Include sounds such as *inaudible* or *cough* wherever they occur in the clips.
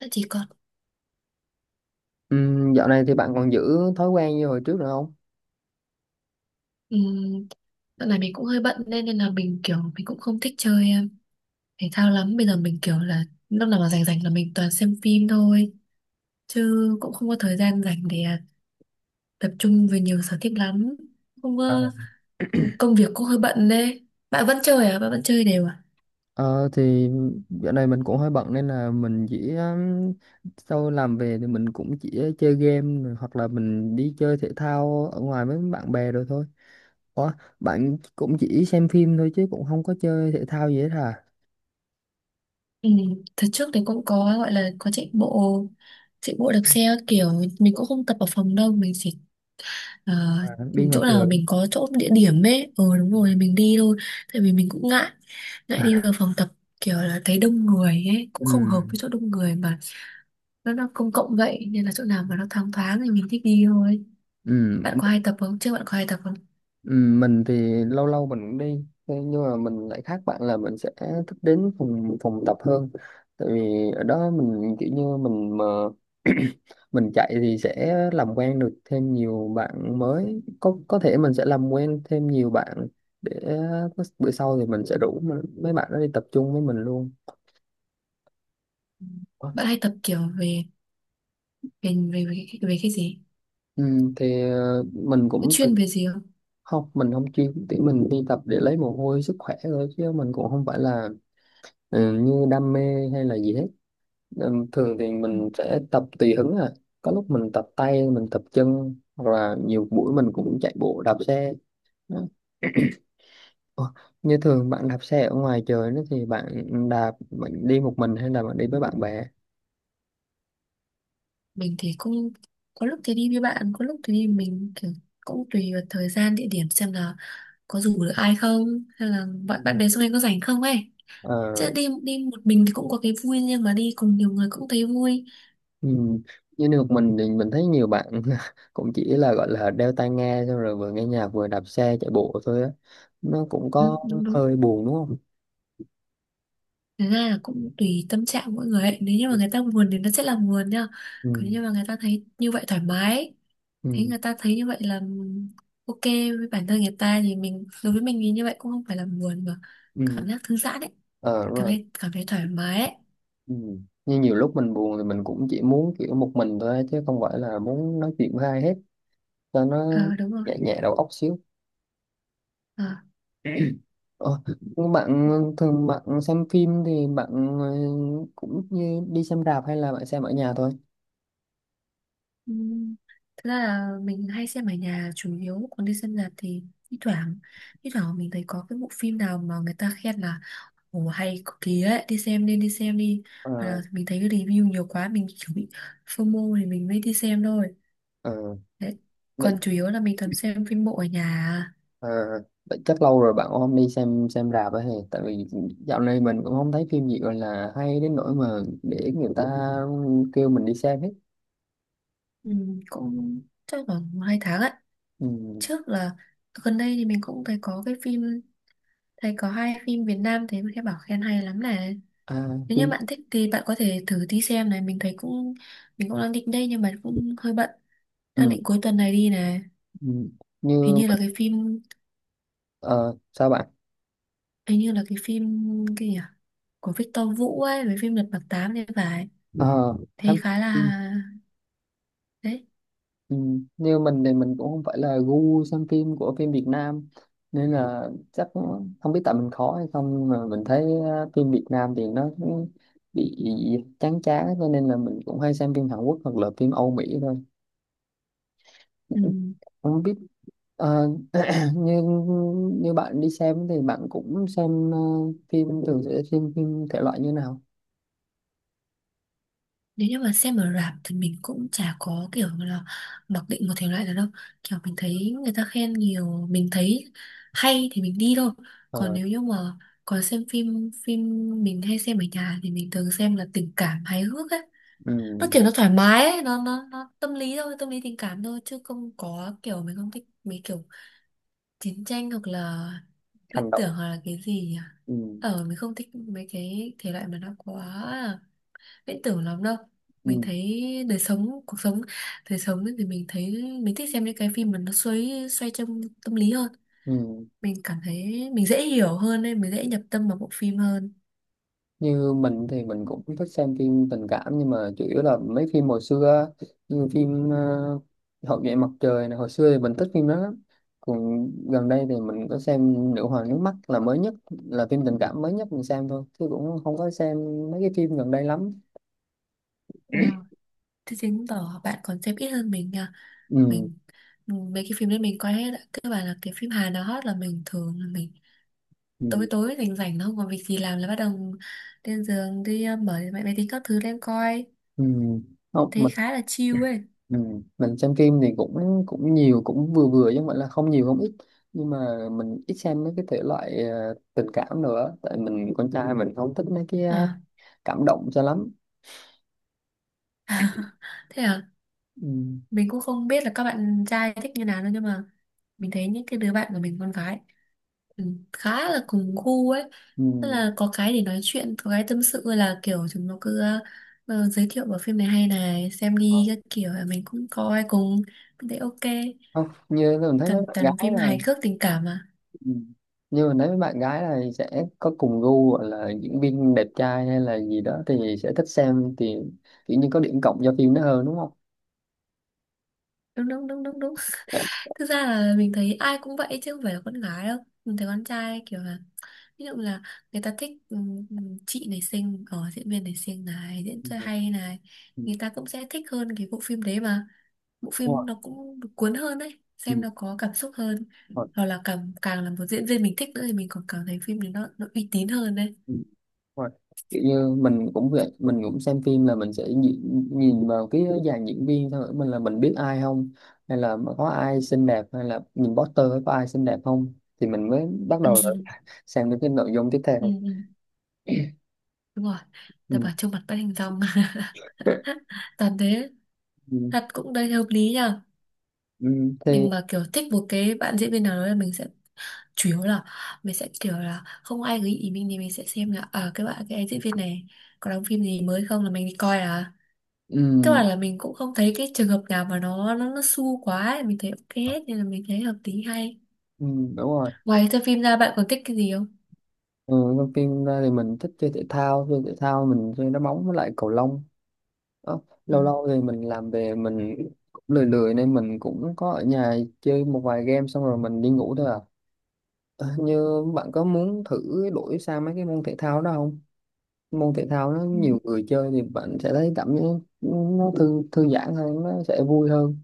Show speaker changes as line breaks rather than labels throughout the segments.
Thế chỉ còn.
Dạo này thì bạn còn giữ thói quen như hồi trước nữa không?
um, Dạo này mình cũng hơi bận nên nên là mình kiểu mình cũng không thích chơi thể thao lắm. Bây giờ mình kiểu là lúc nào mà rảnh rảnh là mình toàn xem phim thôi chứ cũng không có thời gian rảnh để tập trung về nhiều sở thích lắm. Không
À.
có công việc cũng hơi bận đấy. Bạn vẫn chơi à? Bạn vẫn chơi đều à?
Ờ thì dạo này mình cũng hơi bận nên là mình chỉ sau làm về thì mình cũng chỉ chơi game rồi, hoặc là mình đi chơi thể thao ở ngoài với bạn bè rồi thôi. Ủa, bạn cũng chỉ xem phim thôi chứ cũng không có chơi thể thao gì hết hả?
Ừ, thật trước thì cũng có gọi là có chạy bộ đạp xe các kiểu, mình cũng không tập ở phòng đâu, mình chỉ Ờ,
À, đi ngoài
chỗ
trời.
nào mình có chỗ địa điểm ấy, đúng rồi mình đi thôi. Tại vì mình cũng ngại ngại đi vào
*laughs*
phòng tập, kiểu là thấy đông người ấy, cũng
Ừ.
không hợp với chỗ đông người, mà nó công cộng vậy, nên là chỗ nào mà nó thoáng thoáng thì mình thích đi thôi.
Ừ.
Bạn có hay tập không, trước bạn có hay tập không?
Ừ, mình thì lâu lâu mình cũng đi. Thế nhưng mà mình lại khác bạn là mình sẽ thích đến phòng phòng tập hơn, tại vì ở đó mình kiểu như mình mà *clears throat* mình chạy thì sẽ làm quen được thêm nhiều bạn mới, có thể mình sẽ làm quen thêm nhiều bạn để bữa sau thì mình sẽ rủ mấy bạn đó đi tập trung với mình luôn.
Ừ. Bạn hay tập kiểu về về cái gì,
Ừ, thì mình
có
cũng từng-
chuyên về gì không?
Không, mình không chuyên, thì mình đi tập để lấy mồ hôi sức khỏe thôi, chứ mình cũng không phải là, ừ, như đam mê hay là gì hết. Ừ, thường thì
Ừ.
mình sẽ tập tùy hứng à, có lúc mình tập tay, mình tập chân, hoặc là nhiều buổi mình cũng chạy bộ đạp xe. Đó. Ủa, như thường bạn đạp xe ở ngoài trời đó, thì bạn đạp, bạn đi một mình hay là bạn đi với bạn bè?
Mình thì cũng có lúc thì đi với bạn, có lúc thì đi mình kiểu, cũng tùy vào thời gian địa điểm, xem là có rủ được ai không, hay là bạn bạn bè xung quanh có rảnh không ấy. Chứ
Ờ,
đi đi một mình thì cũng có cái vui riêng, mà đi cùng nhiều người cũng thấy vui.
ừ. Như được, mình thì mình thấy nhiều bạn *laughs* cũng chỉ là gọi là đeo tai nghe xong rồi vừa nghe nhạc vừa đạp xe chạy bộ thôi á, nó cũng
Ừ,
có
đúng đúng.
hơi buồn đúng không?
Thế ra là cũng tùy tâm trạng mỗi người ấy. Nếu như
Ừ.
mà người ta buồn thì nó sẽ là buồn nha.
Ừ.
Còn nếu như mà người ta thấy như vậy thoải mái ấy, thấy
Ừ.
người ta thấy như vậy là ok với bản thân người ta, thì mình, đối với mình thì như vậy cũng không phải là buồn, mà
Ừ.
cảm giác thư giãn ấy,
Ờ,
cảm
rồi.
thấy cảm thấy thoải mái ấy.
Ừ. Như nhiều lúc mình buồn thì mình cũng chỉ muốn kiểu một mình thôi á, chứ không phải là muốn nói chuyện với ai hết, cho nó
Ờ đúng rồi.
nhẹ nhẹ đầu óc xíu.
Ờ.
Ờ, nhưng bạn, thường bạn xem phim thì bạn, cũng như đi xem rạp hay là bạn xem ở nhà thôi?
Ừ. Thật ra là mình hay xem ở nhà chủ yếu, còn đi xem rạp thì thi thoảng, thi thoảng mình thấy có cái bộ phim nào mà người ta khen là ồ, hay cực kỳ ấy, đi xem nên đi xem đi,
Ờ,
hoặc là mình thấy cái review nhiều quá mình kiểu bị FOMO thì mình mới đi xem thôi
ờ,
đấy,
vậy.
còn chủ yếu là mình toàn xem phim bộ ở nhà à.
ờ, Vậy chắc lâu rồi bạn cũng không đi xem rạp ấy hề. Tại vì dạo này mình cũng không thấy phim gì gọi là hay đến nỗi mà để người ta kêu mình đi xem hết.
Ừ, cũng chắc khoảng một hai tháng ấy,
Ừ.
trước là, gần đây thì mình cũng thấy có cái phim, thấy có hai phim Việt Nam, thấy các bảo khen hay lắm này.
À,
Nếu như
phim.
bạn thích thì bạn có thể thử đi xem này, mình thấy cũng, mình cũng đang định đây nhưng mà cũng hơi bận, đang
Ừ.
định cuối tuần này đi này.
Ừ.
Hình
Như,
như là cái phim,
ờ, sao bạn.
hình như là cái phim kia à? Của Victor Vũ ấy, với phim Lật Mặt Tám thì phải,
Ờ,
thấy
em-
khá
ừ,
là, đấy.
ừ. Như mình thì mình cũng không phải là gu xem phim của phim Việt Nam, nên là chắc, không biết tại mình khó hay không, nhưng mà mình thấy, phim Việt Nam thì nó cũng bị chán chán, cho nên là mình cũng hay xem phim Hàn Quốc hoặc là phim Âu Mỹ thôi.
Ừ.
*laughs* Không biết. ờ, *clears throat* như như bạn đi xem thì bạn cũng xem, phim, thường sẽ xem phim thể loại như nào?
Nếu như mà xem ở rạp thì mình cũng chả có kiểu là mặc định một thể loại nào đâu, kiểu mình thấy người ta khen nhiều, mình thấy hay thì mình đi thôi. Còn
Ờ,
nếu như mà, còn xem phim phim mình hay xem ở nhà thì mình thường xem là tình cảm hài hước ấy, nó
ừ,
kiểu nó thoải mái ấy, nó tâm lý thôi, tâm lý tình cảm thôi, chứ không có kiểu, mình không thích mấy kiểu chiến tranh hoặc là
hành
viễn
động.
tưởng, hoặc là cái gì nhỉ,
Ừ,
mình không thích mấy cái thể loại mà nó quá viễn tưởng lắm đâu. Mình
ừ,
thấy đời sống, cuộc sống, đời sống thì mình thấy mình thích xem những cái phim mà nó xoay, xoay trong tâm lý hơn,
ừ.
mình cảm thấy mình dễ hiểu hơn nên mình dễ nhập tâm vào bộ phim hơn.
Như mình thì mình cũng thích xem phim tình cảm, nhưng mà chủ yếu là mấy phim hồi xưa á, như phim, Hậu duệ mặt trời này, hồi xưa thì mình thích phim đó lắm. Còn gần đây thì mình có xem Nữ hoàng nước mắt là mới nhất, là phim tình cảm mới nhất mình xem thôi chứ cũng không có xem mấy cái phim gần đây lắm.
Ờ, thế chứng tỏ bạn còn xem ít hơn mình nha,
Ừ.
mình mấy cái phim đấy mình coi hết ạ, các bạn là cái phim Hàn nào hot là mình thường là mình tối
Ừ.
tối rảnh rảnh nó không còn việc gì làm là bắt đầu lên giường đi, mở máy máy tính các thứ lên coi,
Ừ. Không,
thấy
mình.
khá là chill ấy.
Ừ. Mình xem phim thì cũng cũng nhiều, cũng vừa vừa, chứ không phải là không nhiều không ít, nhưng mà mình ít xem mấy cái thể loại, tình cảm nữa, tại mình con trai mình không thích mấy cái
À.
cảm động cho lắm.
*laughs* Thế à,
Ừ.
mình cũng không biết là các bạn trai thích như nào đâu, nhưng mà mình thấy những cái đứa bạn của mình con gái, ừ, khá là cùng gu ấy,
Ừ.
tức là có cái để nói chuyện, có cái tâm sự, là kiểu chúng nó cứ giới thiệu bộ phim này hay này, xem đi các kiểu, mình cũng coi cùng, mình thấy ok,
Không, như mình thấy mấy
toàn
bạn
toàn
gái
phim
là.
hài cước tình cảm mà.
Ừ. Như mình thấy mấy bạn gái là sẽ có cùng gu, gọi là diễn viên đẹp trai hay là gì đó thì sẽ thích xem, thì kiểu như có điểm cộng cho phim đó hơn đúng không?
Đúng đúng đúng đúng đúng.
Dạ.
Thực ra là mình thấy ai cũng vậy chứ không phải là con gái đâu. Mình thấy con trai kiểu là, ví dụ là người ta thích chị này xinh, diễn viên này xinh này, diễn xuất
Ừ.
hay này,
Ừ.
người ta cũng sẽ thích hơn cái bộ phim đấy mà. Bộ
Đúng rồi.
phim nó cũng cuốn hơn đấy,
Ừ.
xem
Đúng
nó có cảm xúc hơn.
rồi.
Hoặc là càng càng là một diễn viên mình thích nữa thì mình còn cảm thấy phim đấy nó uy tín hơn đấy.
Ừ. Đúng rồi. Kiểu như mình cũng vậy, mình cũng xem phim là mình sẽ nhìn vào cái dàn diễn viên thôi, mình là mình biết ai không, hay là có ai xinh đẹp, hay là nhìn poster có ai xinh đẹp không, thì mình mới bắt
Ừ,
đầu là
ừ,
sang đến cái nội dung tiếp
ừ,
theo.
ừ, đúng rồi. Ta
Ừ.
bảo trông mặt bắt hình dong, *laughs* toàn thế.
Ừ.
Thật cũng đây hợp lý nhờ.
Ừ. Thì.
Mình mà kiểu thích một cái bạn diễn viên nào đó là mình sẽ, chủ yếu là mình sẽ kiểu là không ai gợi ý mình thì mình sẽ xem là các bạn, cái em diễn viên này có đóng phim gì mới không là mình đi coi à, tức
Ừ.
là mình cũng không thấy cái trường hợp nào mà nó su quá ấy, mình thấy ok hết nên là mình thấy hợp lý hay.
Ừ. Đúng rồi.
Ngoài xem phim ra bạn còn thích cái gì không?
Ừ. Đầu tiên ra thì mình thích chơi thể thao, chơi thể thao mình chơi đá bóng với lại cầu lông. Đó. Lâu lâu thì mình làm về, mình cũng lười lười nên mình cũng có ở nhà chơi một vài game xong rồi mình đi ngủ thôi à. Ờ, như bạn có muốn thử đổi sang mấy cái môn thể thao đó không? Môn thể thao nó
Ừ.
nhiều người chơi thì bạn sẽ thấy cảm giác nó thư thư giãn hơn, nó sẽ vui hơn.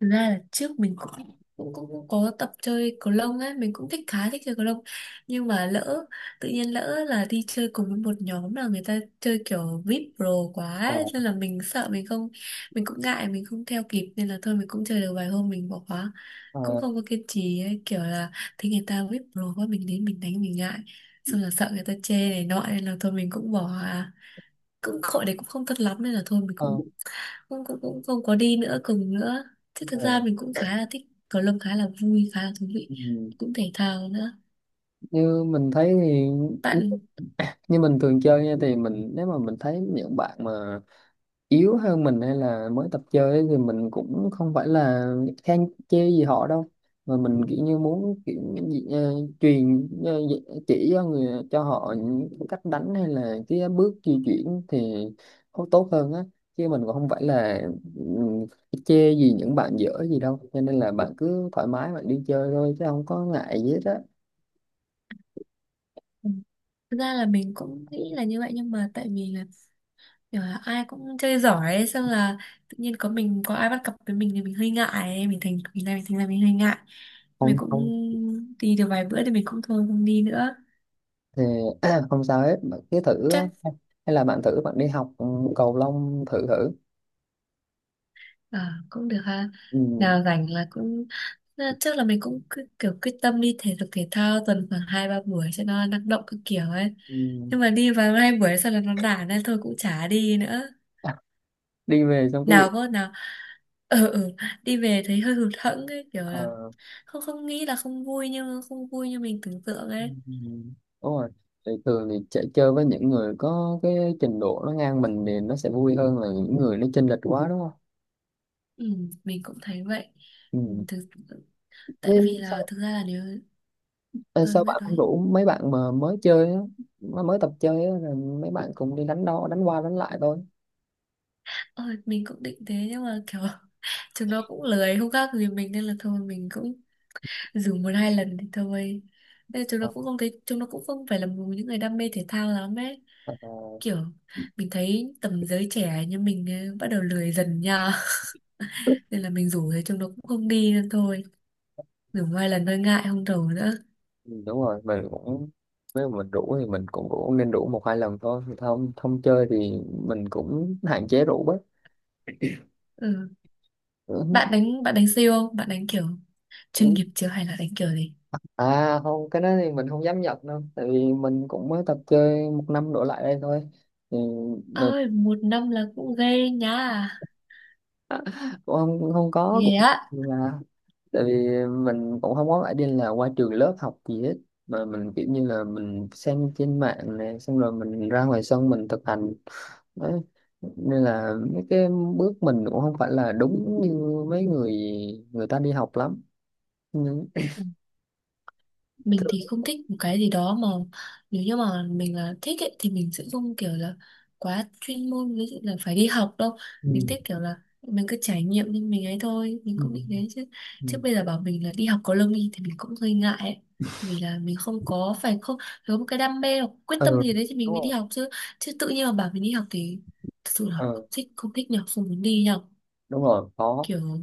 Thực ra là trước mình cũng có tập chơi cầu lông ấy, mình cũng thích, khá thích chơi cầu lông, nhưng mà lỡ, tự nhiên lỡ là đi chơi cùng với một nhóm là người ta chơi kiểu VIP pro quá
Ờ,
ấy, nên là mình sợ mình không, mình cũng ngại, mình không theo kịp, nên là thôi mình cũng chơi được vài hôm mình bỏ khóa,
ờ,
cũng không có kiên trì ấy, kiểu là thấy người ta VIP pro quá, mình đến mình đánh mình ngại, xong là sợ người ta chê này nọ nên là thôi mình cũng bỏ à. Cũng hội đấy cũng không tốt lắm nên là thôi mình
ờ,
cũng cũng cũng cũng không có đi nữa, cùng nữa, chứ
ờ.
thực ra mình cũng khá là thích cầu lông, khá là vui, khá là thú vị,
Ừ.
cũng thể thao nữa.
Như mình thấy thì,
Bạn,
như mình thường chơi nha, thì mình, nếu mà mình thấy những bạn mà yếu hơn mình hay là mới tập chơi ấy, thì mình cũng không phải là khen chê gì họ đâu, mà mình kiểu như muốn kiểu gì- ờ, truyền ờ, chỉ cho người, cho họ những cách đánh hay là cái bước di chuyển thì tốt tốt hơn á, chứ mình cũng không phải là, ừ, chê gì những bạn dở gì đâu, cho nên là bạn cứ thoải mái bạn đi chơi thôi chứ không có ngại gì hết á.
ừ, thực ra là mình cũng nghĩ là như vậy, nhưng mà tại vì là kiểu là ai cũng chơi giỏi ấy, xong là tự nhiên có mình, có ai bắt cặp với mình thì mình hơi ngại ấy, mình thành, mình ra, mình thành ra mình hơi ngại, mình cũng
Không
đi được vài bữa thì mình cũng thôi không đi nữa.
thì *clears throat* không sao hết, bạn cứ thử á.
Chắc
Hay là bạn thử bạn đi học, ừ, cầu lông thử thử.
à, cũng được ha.
Ừ.
Nào rảnh là cũng trước là mình cũng cứ kiểu quyết tâm đi thể dục thể thao tuần khoảng hai ba buổi cho nó năng động các kiểu ấy.
Ừ. *laughs*
Nhưng mà đi vào hai buổi sau là nó nản nên thôi cũng chả đi nữa.
À, đi về xong cái việc
Nào có nào, ừ, ừ, đi về thấy hơi hụt hẫng ấy, kiểu là
ờ,
không, không nghĩ là không vui nhưng không vui như mình tưởng tượng
ừ,
ấy.
đúng rồi. Thì thường thì chạy chơi với những người có cái trình độ nó ngang mình thì nó sẽ vui hơn là những người nó chênh lệch quá đúng không?
Ừ, mình cũng thấy vậy. Ừ,
Ừ.
thực, tại vì
Nên
là
sao,
thực ra là nếu,
ờ,
ừ,
Sao
biết
bạn không
nói,
rủ mấy bạn mà mới chơi á, mà mới tập chơi á, rồi mấy bạn cùng đi đánh, đo đánh qua đánh lại thôi?
ờ, mình cũng định thế nhưng mà kiểu *laughs* chúng nó cũng lười không khác gì mình nên là thôi mình cũng dùng một hai lần thì thôi, nên là chúng nó
Ờ,
cũng không thấy, chúng nó cũng không phải là một những người đam mê thể thao lắm ấy,
ờ.
kiểu mình thấy tầm giới trẻ như mình ấy, bắt đầu lười dần nha, *laughs* nên là mình rủ thì chúng nó cũng không đi nên thôi, dùng hai lần thôi ngại không rủ nữa.
Ừ, đúng rồi. Mình cũng, nếu mà mình rủ thì mình cũng cũng nên rủ một hai lần thôi, không không chơi thì mình cũng hạn chế rủ bớt.
Ừ.
Ừ,
Bạn đánh siêu không, bạn đánh kiểu chuyên
ừ.
nghiệp chưa hay là đánh kiểu gì?
À không, cái đó thì mình không dám nhận đâu, tại vì mình cũng mới tập chơi một năm đổ lại đây thôi, thì mình
Ơi, một năm là cũng ghê nha,
*laughs* cũng không có
ghê
cũng
á.
là, tại vì mình cũng không có phải đi là qua trường lớp học gì hết, mà mình kiểu như là mình xem trên mạng này, xong rồi mình ra ngoài sân mình thực hành. Đấy. Nên là mấy cái bước mình cũng không phải là đúng như mấy người người ta đi học lắm, nhưng
Ừ. Mình
thường.
thì không thích một cái gì đó mà, nếu như mà mình là thích ấy, thì mình sẽ không kiểu là quá chuyên môn, ví dụ là phải đi học đâu, mình
Ừ.
thích kiểu là mình cứ trải nghiệm nhưng mình ấy thôi, mình
Ừ.
cũng bị thế chứ,
Ừ.
chứ bây giờ bảo mình là đi học có lương đi thì mình cũng hơi ngại ấy, vì là mình không có phải, không có một cái đam mê hoặc quyết tâm gì đấy thì mình
Đúng
mới đi
rồi.
học chứ, chứ tự nhiên mà bảo mình đi học thì thật sự là
Ờ,
không thích, không thích nhở, không muốn đi nhở,
đúng rồi có.
kiểu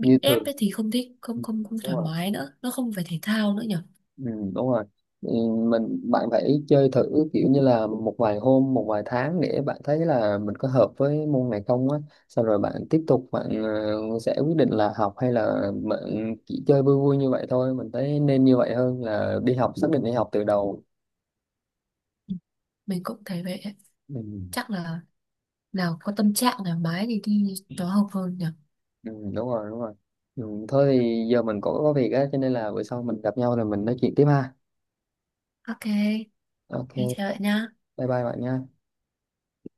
Như
ép
thường.
ấy thì không thích, không
Ừ,
không không
đúng
thoải
rồi.
mái nữa, nó không phải thể thao nữa nhở.
Ừ, đúng rồi. Ừ, mình, bạn phải chơi thử kiểu như là một vài hôm, một vài tháng để bạn thấy là mình có hợp với môn này không á, xong rồi bạn tiếp tục bạn, sẽ quyết định là học hay là bạn chỉ chơi vui vui như vậy thôi, mình thấy nên như vậy hơn là đi học xác định đi học từ đầu.
Ừ, mình cũng thấy vậy,
Ừ,
chắc là nào có tâm trạng thoải mái thì đi nó hợp hơn nhỉ.
ừ, đúng rồi đúng rồi. Ừ, thôi thì giờ mình cũng có việc á, cho nên là bữa sau mình gặp nhau rồi mình nói chuyện tiếp ha.
Ok,
Ok.
đi chơi lại nhá.
Bye bye bạn nha.